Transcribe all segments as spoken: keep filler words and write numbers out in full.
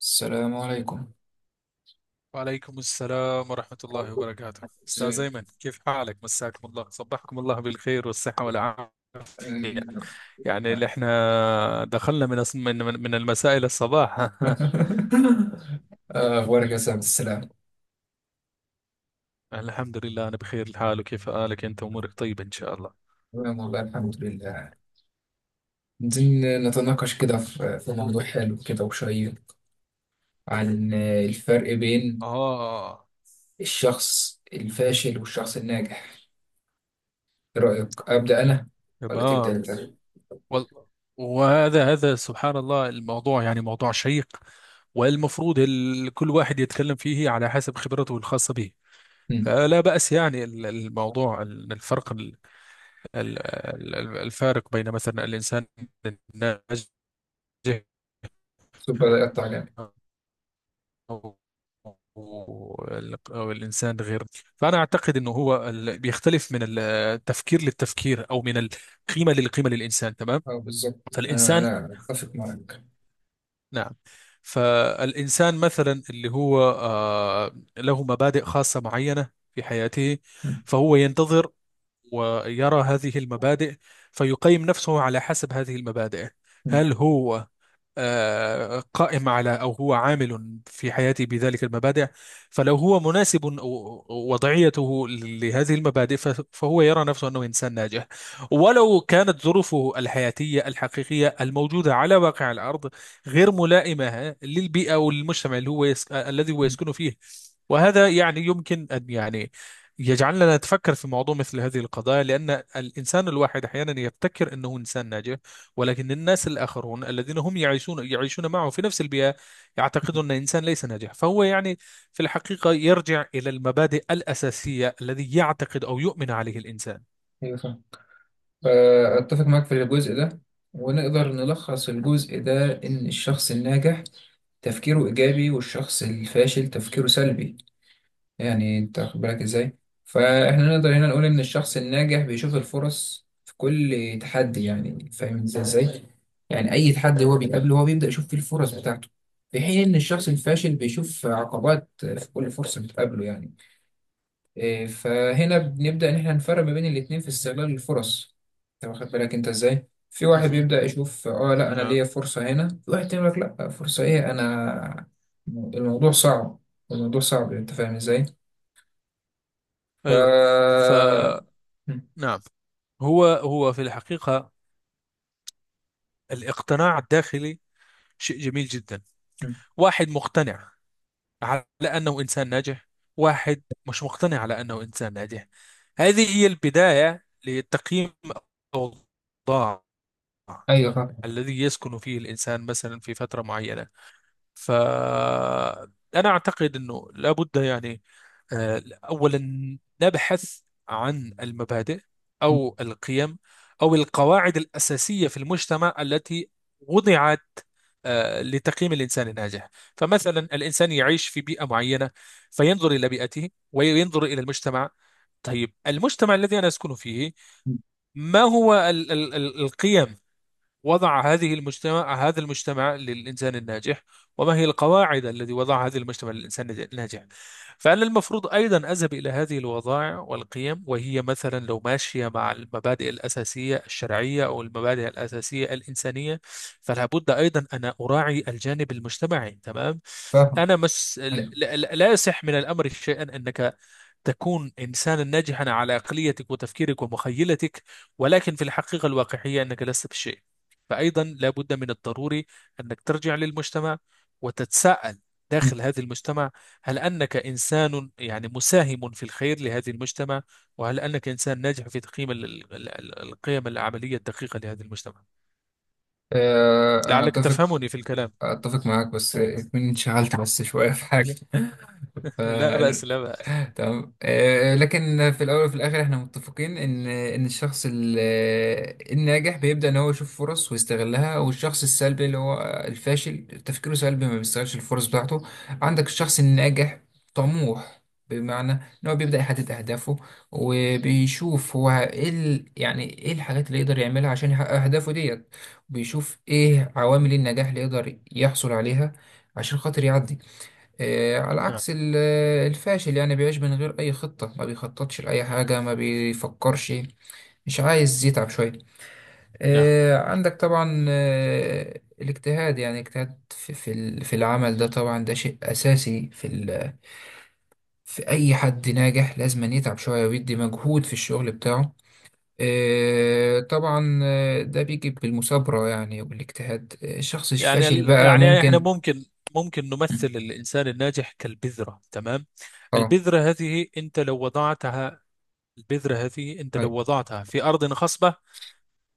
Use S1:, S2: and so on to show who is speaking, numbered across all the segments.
S1: السلام عليكم.
S2: وعليكم السلام ورحمة الله وبركاته، أستاذ
S1: ازيك؟
S2: أيمن، كيف حالك؟ مساكم الله، صبحكم الله بالخير والصحة والعافية. يعني
S1: آه.
S2: اللي احنا دخلنا من أص- من من من المساء إلى الصباح.
S1: آه، اخبارك يا سعد السلام.
S2: الحمد لله أنا بخير الحال، وكيف حالك أنت؟ أمورك طيبة إن شاء الله.
S1: تمام والله الحمد لله. عايزين نتناقش كده في في موضوع حلو كده وشيق، عن آه، الفرق بين
S2: آه،
S1: الشخص الفاشل والشخص الناجح. ايه رأيك، أبدأ أنا ولا
S2: تمام.
S1: تبدأ أنت؟
S2: وال- وهذا هذا سبحان الله، الموضوع يعني موضوع شيق، والمفروض ال- كل واحد يتكلم فيه على حسب خبرته الخاصة به.
S1: مم.
S2: فلا بأس، يعني ال- الموضوع ال- الفرق ال- ال- ال- الفارق بين مثلا الإنسان الناجح،
S1: طب بدأ يقطع جامد.
S2: أو وال- أو الإنسان غير. فأنا أعتقد أنه هو ال- بيختلف من ال- التفكير للتفكير، أو من القيمة للقيمة للإنسان، تمام.
S1: اه، بالظبط، انا
S2: فالإنسان،
S1: انا اتفق معاك.
S2: نعم، فالإنسان مثلا اللي هو آه، له مبادئ خاصة معينة في حياته،
S1: مم.
S2: فهو ينتظر ويرى هذه المبادئ، فيقيم نفسه على حسب هذه المبادئ.
S1: مم.
S2: هل هو آه، قائم على، أو هو عامل في حياتي بذلك المبادئ؟ فلو هو مناسب و- وضعيته لهذه المبادئ، ف- فهو يرى نفسه أنه إنسان ناجح. ولو كانت ظروفه الحياتية الحقيقية الموجودة على واقع الأرض غير ملائمة للبيئة والمجتمع اللي هو يس... الذي هو
S1: مم.
S2: يسكن فيه. وهذا يعني يمكن أن يعني يجعلنا نتفكر في موضوع مثل هذه القضايا، لأن الإنسان الواحد أحيانا يبتكر أنه إنسان ناجح، ولكن الناس الآخرون الذين هم يعيشون يعيشون معه في نفس البيئة يعتقدون أن الإنسان ليس ناجح، فهو يعني في الحقيقة يرجع إلى المبادئ الأساسية الذي يعتقد أو يؤمن عليه الإنسان.
S1: ايوه، فأتفق معك في الجزء ده، ونقدر نلخص الجزء ده إن الشخص الناجح تفكيره إيجابي والشخص الفاشل تفكيره سلبي. يعني أنت واخد بالك إزاي؟ فإحنا نقدر هنا نقول إن الشخص الناجح بيشوف الفرص في كل تحدي، يعني فاهم إزاي إزاي؟ يعني أي تحدي هو بيقابله هو بيبدأ يشوف فيه الفرص بتاعته، في حين إن الشخص الفاشل بيشوف عقبات في كل فرصة بتقابله يعني. إيه، فهنا بنبدأ إن إحنا نفرق ما بين الاتنين في استغلال الفرص. أنت واخد بالك أنت إزاي؟ في واحد
S2: مهم.
S1: بيبدأ يشوف آه لأ أنا
S2: نعم.
S1: ليا فرصة هنا، في واحد يقول لك لأ فرصة إيه، أنا الموضوع صعب، الموضوع صعب، أنت فاهم إزاي؟ ف
S2: أيوة. ف
S1: م-
S2: نعم. هو هو في الحقيقة، الاقتناع الداخلي شيء جميل جدا.
S1: م.
S2: واحد مقتنع على أنه إنسان ناجح، واحد مش مقتنع على أنه إنسان ناجح، هذه هي البداية لتقييم الأوضاع
S1: أيوه فاهم.
S2: الذي يسكن فيه الإنسان مثلا في فترة معينة. فأنا أعتقد أنه لابد، يعني آه، أولا نبحث عن المبادئ
S1: م-
S2: أو القيم أو القواعد الأساسية في المجتمع التي وضعت آه، لتقييم الإنسان الناجح. فمثلا الإنسان يعيش في بيئة معينة، فينظر إلى بيئته وينظر إلى المجتمع. طيب، المجتمع الذي أنا أسكن فيه،
S1: م.
S2: ما هو ال ال ال القيم وضع هذه المجتمع، هذا المجتمع للإنسان الناجح؟ وما هي القواعد التي وضعها هذا المجتمع للإنسان الناجح؟ فأنا المفروض أيضا أذهب إلى هذه الوضائع والقيم، وهي مثلا لو ماشية مع المبادئ الأساسية الشرعية أو المبادئ الأساسية الإنسانية، فلا بد أيضا أن أراعي الجانب المجتمعي، تمام.
S1: فاهم.
S2: أنا مس... لا
S1: أيوه.
S2: لا- لا يصح من الأمر شيئا أنك تكون إنسانا ناجحا على عقليتك وتفكيرك ومخيلتك، ولكن في الحقيقة الواقعية أنك لست بشيء. فأيضا لابد من الضروري أنك ترجع للمجتمع وتتساءل
S1: م.
S2: داخل هذا المجتمع، هل أنك إنسان يعني مساهم في الخير لهذا المجتمع؟ وهل أنك إنسان ناجح في تقييم ال- ال- ال- القيم العملية الدقيقة لهذا المجتمع؟
S1: آه، أنا
S2: لعلك
S1: أتفق
S2: تفهمني في الكلام.
S1: أتفق معاك، بس إكمن انشغلت بس شوية في حاجة. ف...
S2: لا بأس، لا بأس.
S1: تمام. آه، لكن في الاول وفي الاخر احنا متفقين ان ان الشخص ال- آه، الناجح بيبدا ان هو يشوف فرص ويستغلها، والشخص السلبي اللي هو الفاشل تفكيره سلبي ما بيستغلش الفرص بتاعته. عندك الشخص الناجح طموح، بمعنى ان هو بيبدا يحدد اهدافه وبيشوف هو ايه ال- يعني ايه الحاجات اللي يقدر يعملها عشان يحقق اهدافه ديت. بيشوف ايه عوامل النجاح اللي يقدر يحصل عليها عشان خاطر يعدي. إيه، على
S2: نعم،
S1: عكس ال- الفاشل يعني بيعيش من غير أي خطة، ما بيخططش لأي حاجة، ما بيفكرش، مش عايز يتعب شوية.
S2: نعم.
S1: إيه، عندك طبعا إيه، الاجتهاد، يعني اجتهاد في في ال- في العمل ده، طبعا ده شيء أساسي في ال- في أي حد ناجح، لازم أن يتعب شوية ويدي مجهود في الشغل بتاعه. إيه، طبعا إيه، ده بيجي بالمثابرة يعني والاجتهاد. إيه، الشخص
S2: يعني
S1: الفاشل
S2: ال-
S1: بقى
S2: يعني إحنا
S1: ممكن.
S2: ممكن ممكن نمثل الإنسان الناجح كالبذرة، تمام.
S1: اه.
S2: البذرة هذه أنت لو وضعتها البذرة هذه أنت لو
S1: طيب.
S2: وضعتها في أرض خصبة،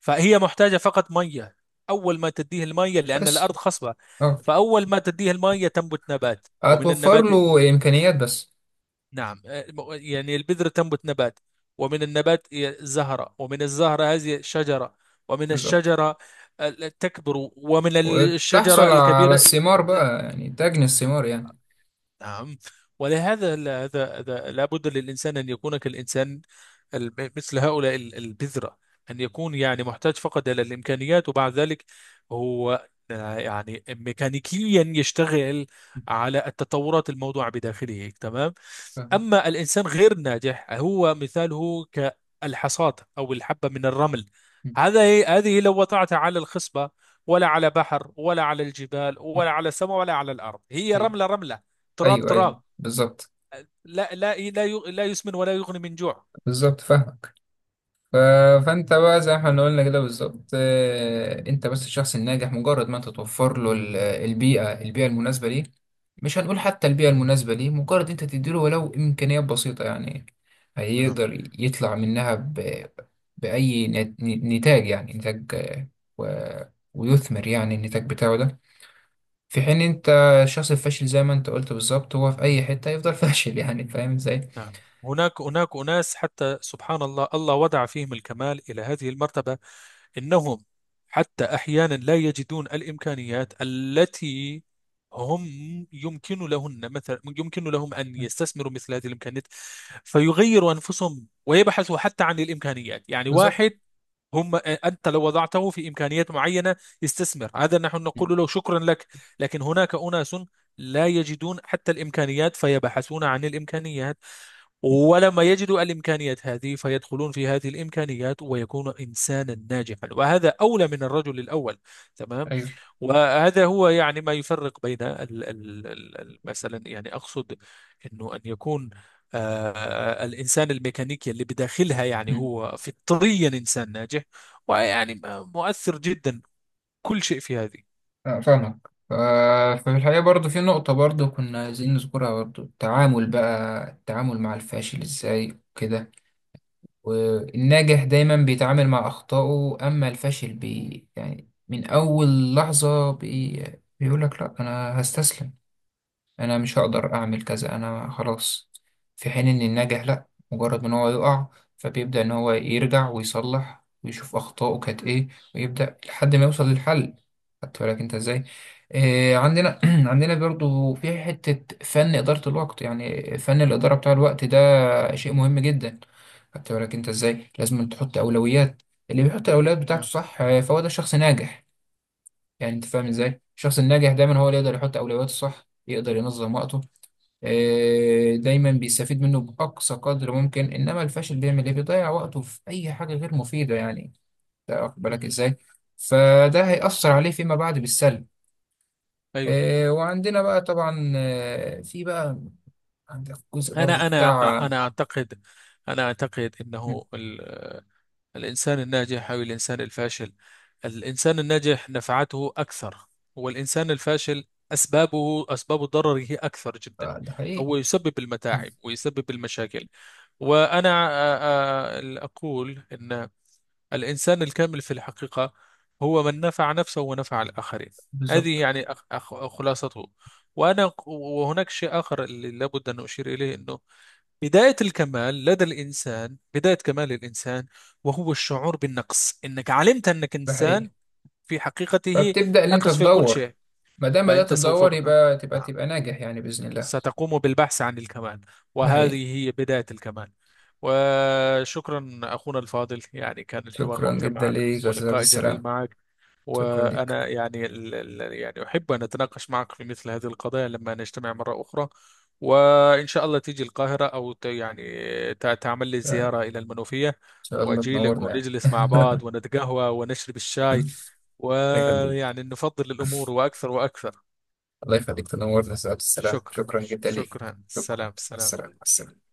S2: فهي محتاجة فقط مية، أول ما تديه المية لأن
S1: بس.
S2: الأرض خصبة،
S1: اه.
S2: فأول ما تديه المية تنبت نبات، ومن
S1: هتوفر
S2: النبات،
S1: له إمكانيات بس.
S2: نعم، يعني البذرة تنبت نبات، ومن النبات زهرة، ومن الزهرة هذه شجرة، ومن
S1: بالظبط.
S2: الشجرة تكبر، ومن
S1: وتحصل
S2: الشجرة
S1: على
S2: الكبيرة،
S1: الثمار بقى، يعني تجني الثمار يعني.
S2: نعم. ولهذا لا- هذا هذا لابد للإنسان أن يكون كالإنسان، الم- مثل هؤلاء ال- البذرة، أن يكون يعني محتاج فقط إلى الإمكانيات، وبعد ذلك هو آه، يعني ميكانيكيا يشتغل على التطورات الموضوعة بداخله، تمام.
S1: فاهم.
S2: أما الإنسان غير الناجح هو مثاله كالحصاد أو الحبة من الرمل.
S1: م.
S2: هذا هذه لو وضعتها على الخصبة، ولا على بحر، ولا على الجبال،
S1: م.
S2: ولا على السماء، ولا على الأرض، هي
S1: أيوه
S2: رملة رملة، تراب
S1: أيوه أيوه.
S2: تراب.
S1: بالظبط.
S2: لا لا لا ي- لا يسمن ولا يغني من جوع.
S1: بالظبط، فاهمك. ف- فانت بقى زي ما احنا قلنا كده بالظبط، آه، انت بس الشخص الناجح مجرد ما انت توفر له ال- البيئه البيئه المناسبه ليه. مش هنقول حتى البيئه المناسبه ليه، مجرد انت تديله ولو امكانيات بسيطه يعني
S2: نعم.
S1: هيقدر يطلع منها ب... باي نت- نتاج يعني نتاج آه، و... ويثمر يعني النتاج بتاعه ده. في حين انت الشخص الفاشل زي ما انت قلت بالظبط، هو في اي حته يفضل فاشل يعني فاهم ازاي.
S2: نعم. هناك هناك أناس، حتى سبحان الله، الله وضع فيهم الكمال إلى هذه المرتبة، إنهم حتى أحيانا لا يجدون الإمكانيات التي هم يمكن لهن، مثلا يمكن لهم أن يستثمروا مثل هذه الإمكانيات، فيغيروا أنفسهم ويبحثوا حتى عن الإمكانيات. يعني
S1: بالظبط.
S2: واحد هم أنت لو وضعته في إمكانيات معينة يستثمر هذا، نحن
S1: مم.
S2: نقول له شكرا لك. لكن هناك أناس لا يجدون حتى الإمكانيات فيبحثون عن الإمكانيات، ولما يجدوا الإمكانيات هذه فيدخلون في هذه الإمكانيات ويكون إنسانا ناجحا، وهذا أولى من الرجل الأول، تمام.
S1: ايوه.
S2: وهذا هو يعني ما يفرق بين ال- ال- ال- ال- مثلا، يعني أقصد أنه أن يكون آه، الإنسان الميكانيكي اللي بداخلها، يعني
S1: مم.
S2: هو فطريا إنسان ناجح، ويعني مؤثر جدا كل شيء في هذه.
S1: آه، فاهمك. آه، ففي الحقيقة برضو في نقطة برضو كنا عايزين نذكرها برضو، التعامل بقى التعامل مع الفاشل ازاي وكده. والناجح دايما بيتعامل مع أخطائه، أما الفاشل بي يعني من أول لحظة بي بيقولك لأ أنا هستسلم، انا مش هقدر اعمل كذا، انا خلاص. في حين ان الناجح لا، مجرد ان هو يقع فبيبدأ ان هو يرجع ويصلح ويشوف اخطائه كانت ايه، ويبدأ لحد ما يوصل للحل. خدت بالك انت ازاي؟ إيه عندنا عندنا برضو في حتة فن إدارة الوقت، يعني فن الإدارة بتاع الوقت ده شيء مهم جدا. خدت بالك انت ازاي؟ لازم تحط أولويات. اللي بيحط الأولويات بتاعته
S2: نعم.
S1: صح، آه، فهو ده شخص ناجح. يعني انت فاهم ازاي، الشخص الناجح دايما هو اللي يقدر يحط أولوياته صح، يقدر ينظم وقته. آه، دايما بيستفيد منه بأقصى قدر ممكن، إنما الفاشل بيعمل إيه، بيضيع وقته في أي حاجة غير مفيدة يعني. أنت واخد بالك
S2: مم.
S1: إزاي؟ فده هيأثر عليه فيما بعد بالسلب.
S2: أيوه.
S1: آه، وعندنا بقى طبعا آه، في بقى عندك جزء برضو
S2: أنا أنا
S1: بتاع.
S2: أنا أعتقد أنا أعتقد
S1: مم.
S2: أنه الإنسان الناجح أو الإنسان الفاشل، الإنسان الناجح نفعته أكثر، والإنسان الفاشل أسبابه أسباب ضرره أكثر جدا،
S1: آه، ده حقيقي.
S2: فهو يسبب
S1: مم.
S2: المتاعب ويسبب المشاكل. وأنا آه، آه، أقول أن الإنسان الكامل في الحقيقة هو من نفع نفسه ونفع الآخرين. هذه
S1: بالظبط.
S2: يعني أخ- أخ- خلاصته. وأنا، وهناك شيء آخر اللي لابد أن أشير إليه، أنه بداية الكمال لدى الإنسان، بداية كمال الإنسان، وهو الشعور بالنقص، إنك علمت أنك
S1: ده
S2: إنسان
S1: حقيقي،
S2: في حقيقته
S1: فبتبدأ اللي أنت
S2: ناقص في كل
S1: تدور.
S2: شيء،
S1: ما دام بدأت
S2: فأنت سوف ب...
S1: تدور يبقى تبقى
S2: نعم،
S1: تبقى ناجح يعني بإذن الله.
S2: ستقوم بالبحث عن الكمال،
S1: ده حقيقي.
S2: وهذه هي بداية الكمال. وشكرا أخونا الفاضل، يعني كان الحوار
S1: شكرا
S2: ممتع
S1: جدا
S2: معك
S1: ليك يا أستاذ عبد
S2: ولقاء جميل
S1: السلام.
S2: معك.
S1: شكرا ليك.
S2: وأنا يعني ال- ال- يعني أحب أن أتناقش معك في مثل هذه القضايا لما نجتمع مرة أخرى، وإن شاء الله تيجي القاهرة، أو ت- يعني ت- تعمل لي زيارة إلى المنوفية،
S1: شاء الله
S2: وأجي لك
S1: تنورنا يعني.
S2: ونجلس مع بعض ونتقهوى ونشرب الشاي،
S1: الله يخليك.
S2: ويعني نفضل الأمور وأكثر وأكثر.
S1: الله يخليك تنورنا سعادة السلام.
S2: شكرا.
S1: شكرا جدا ليك.
S2: شكرا.
S1: شكرا،
S2: سلام،
S1: مع
S2: سلام.
S1: السلامة، مع السلامة.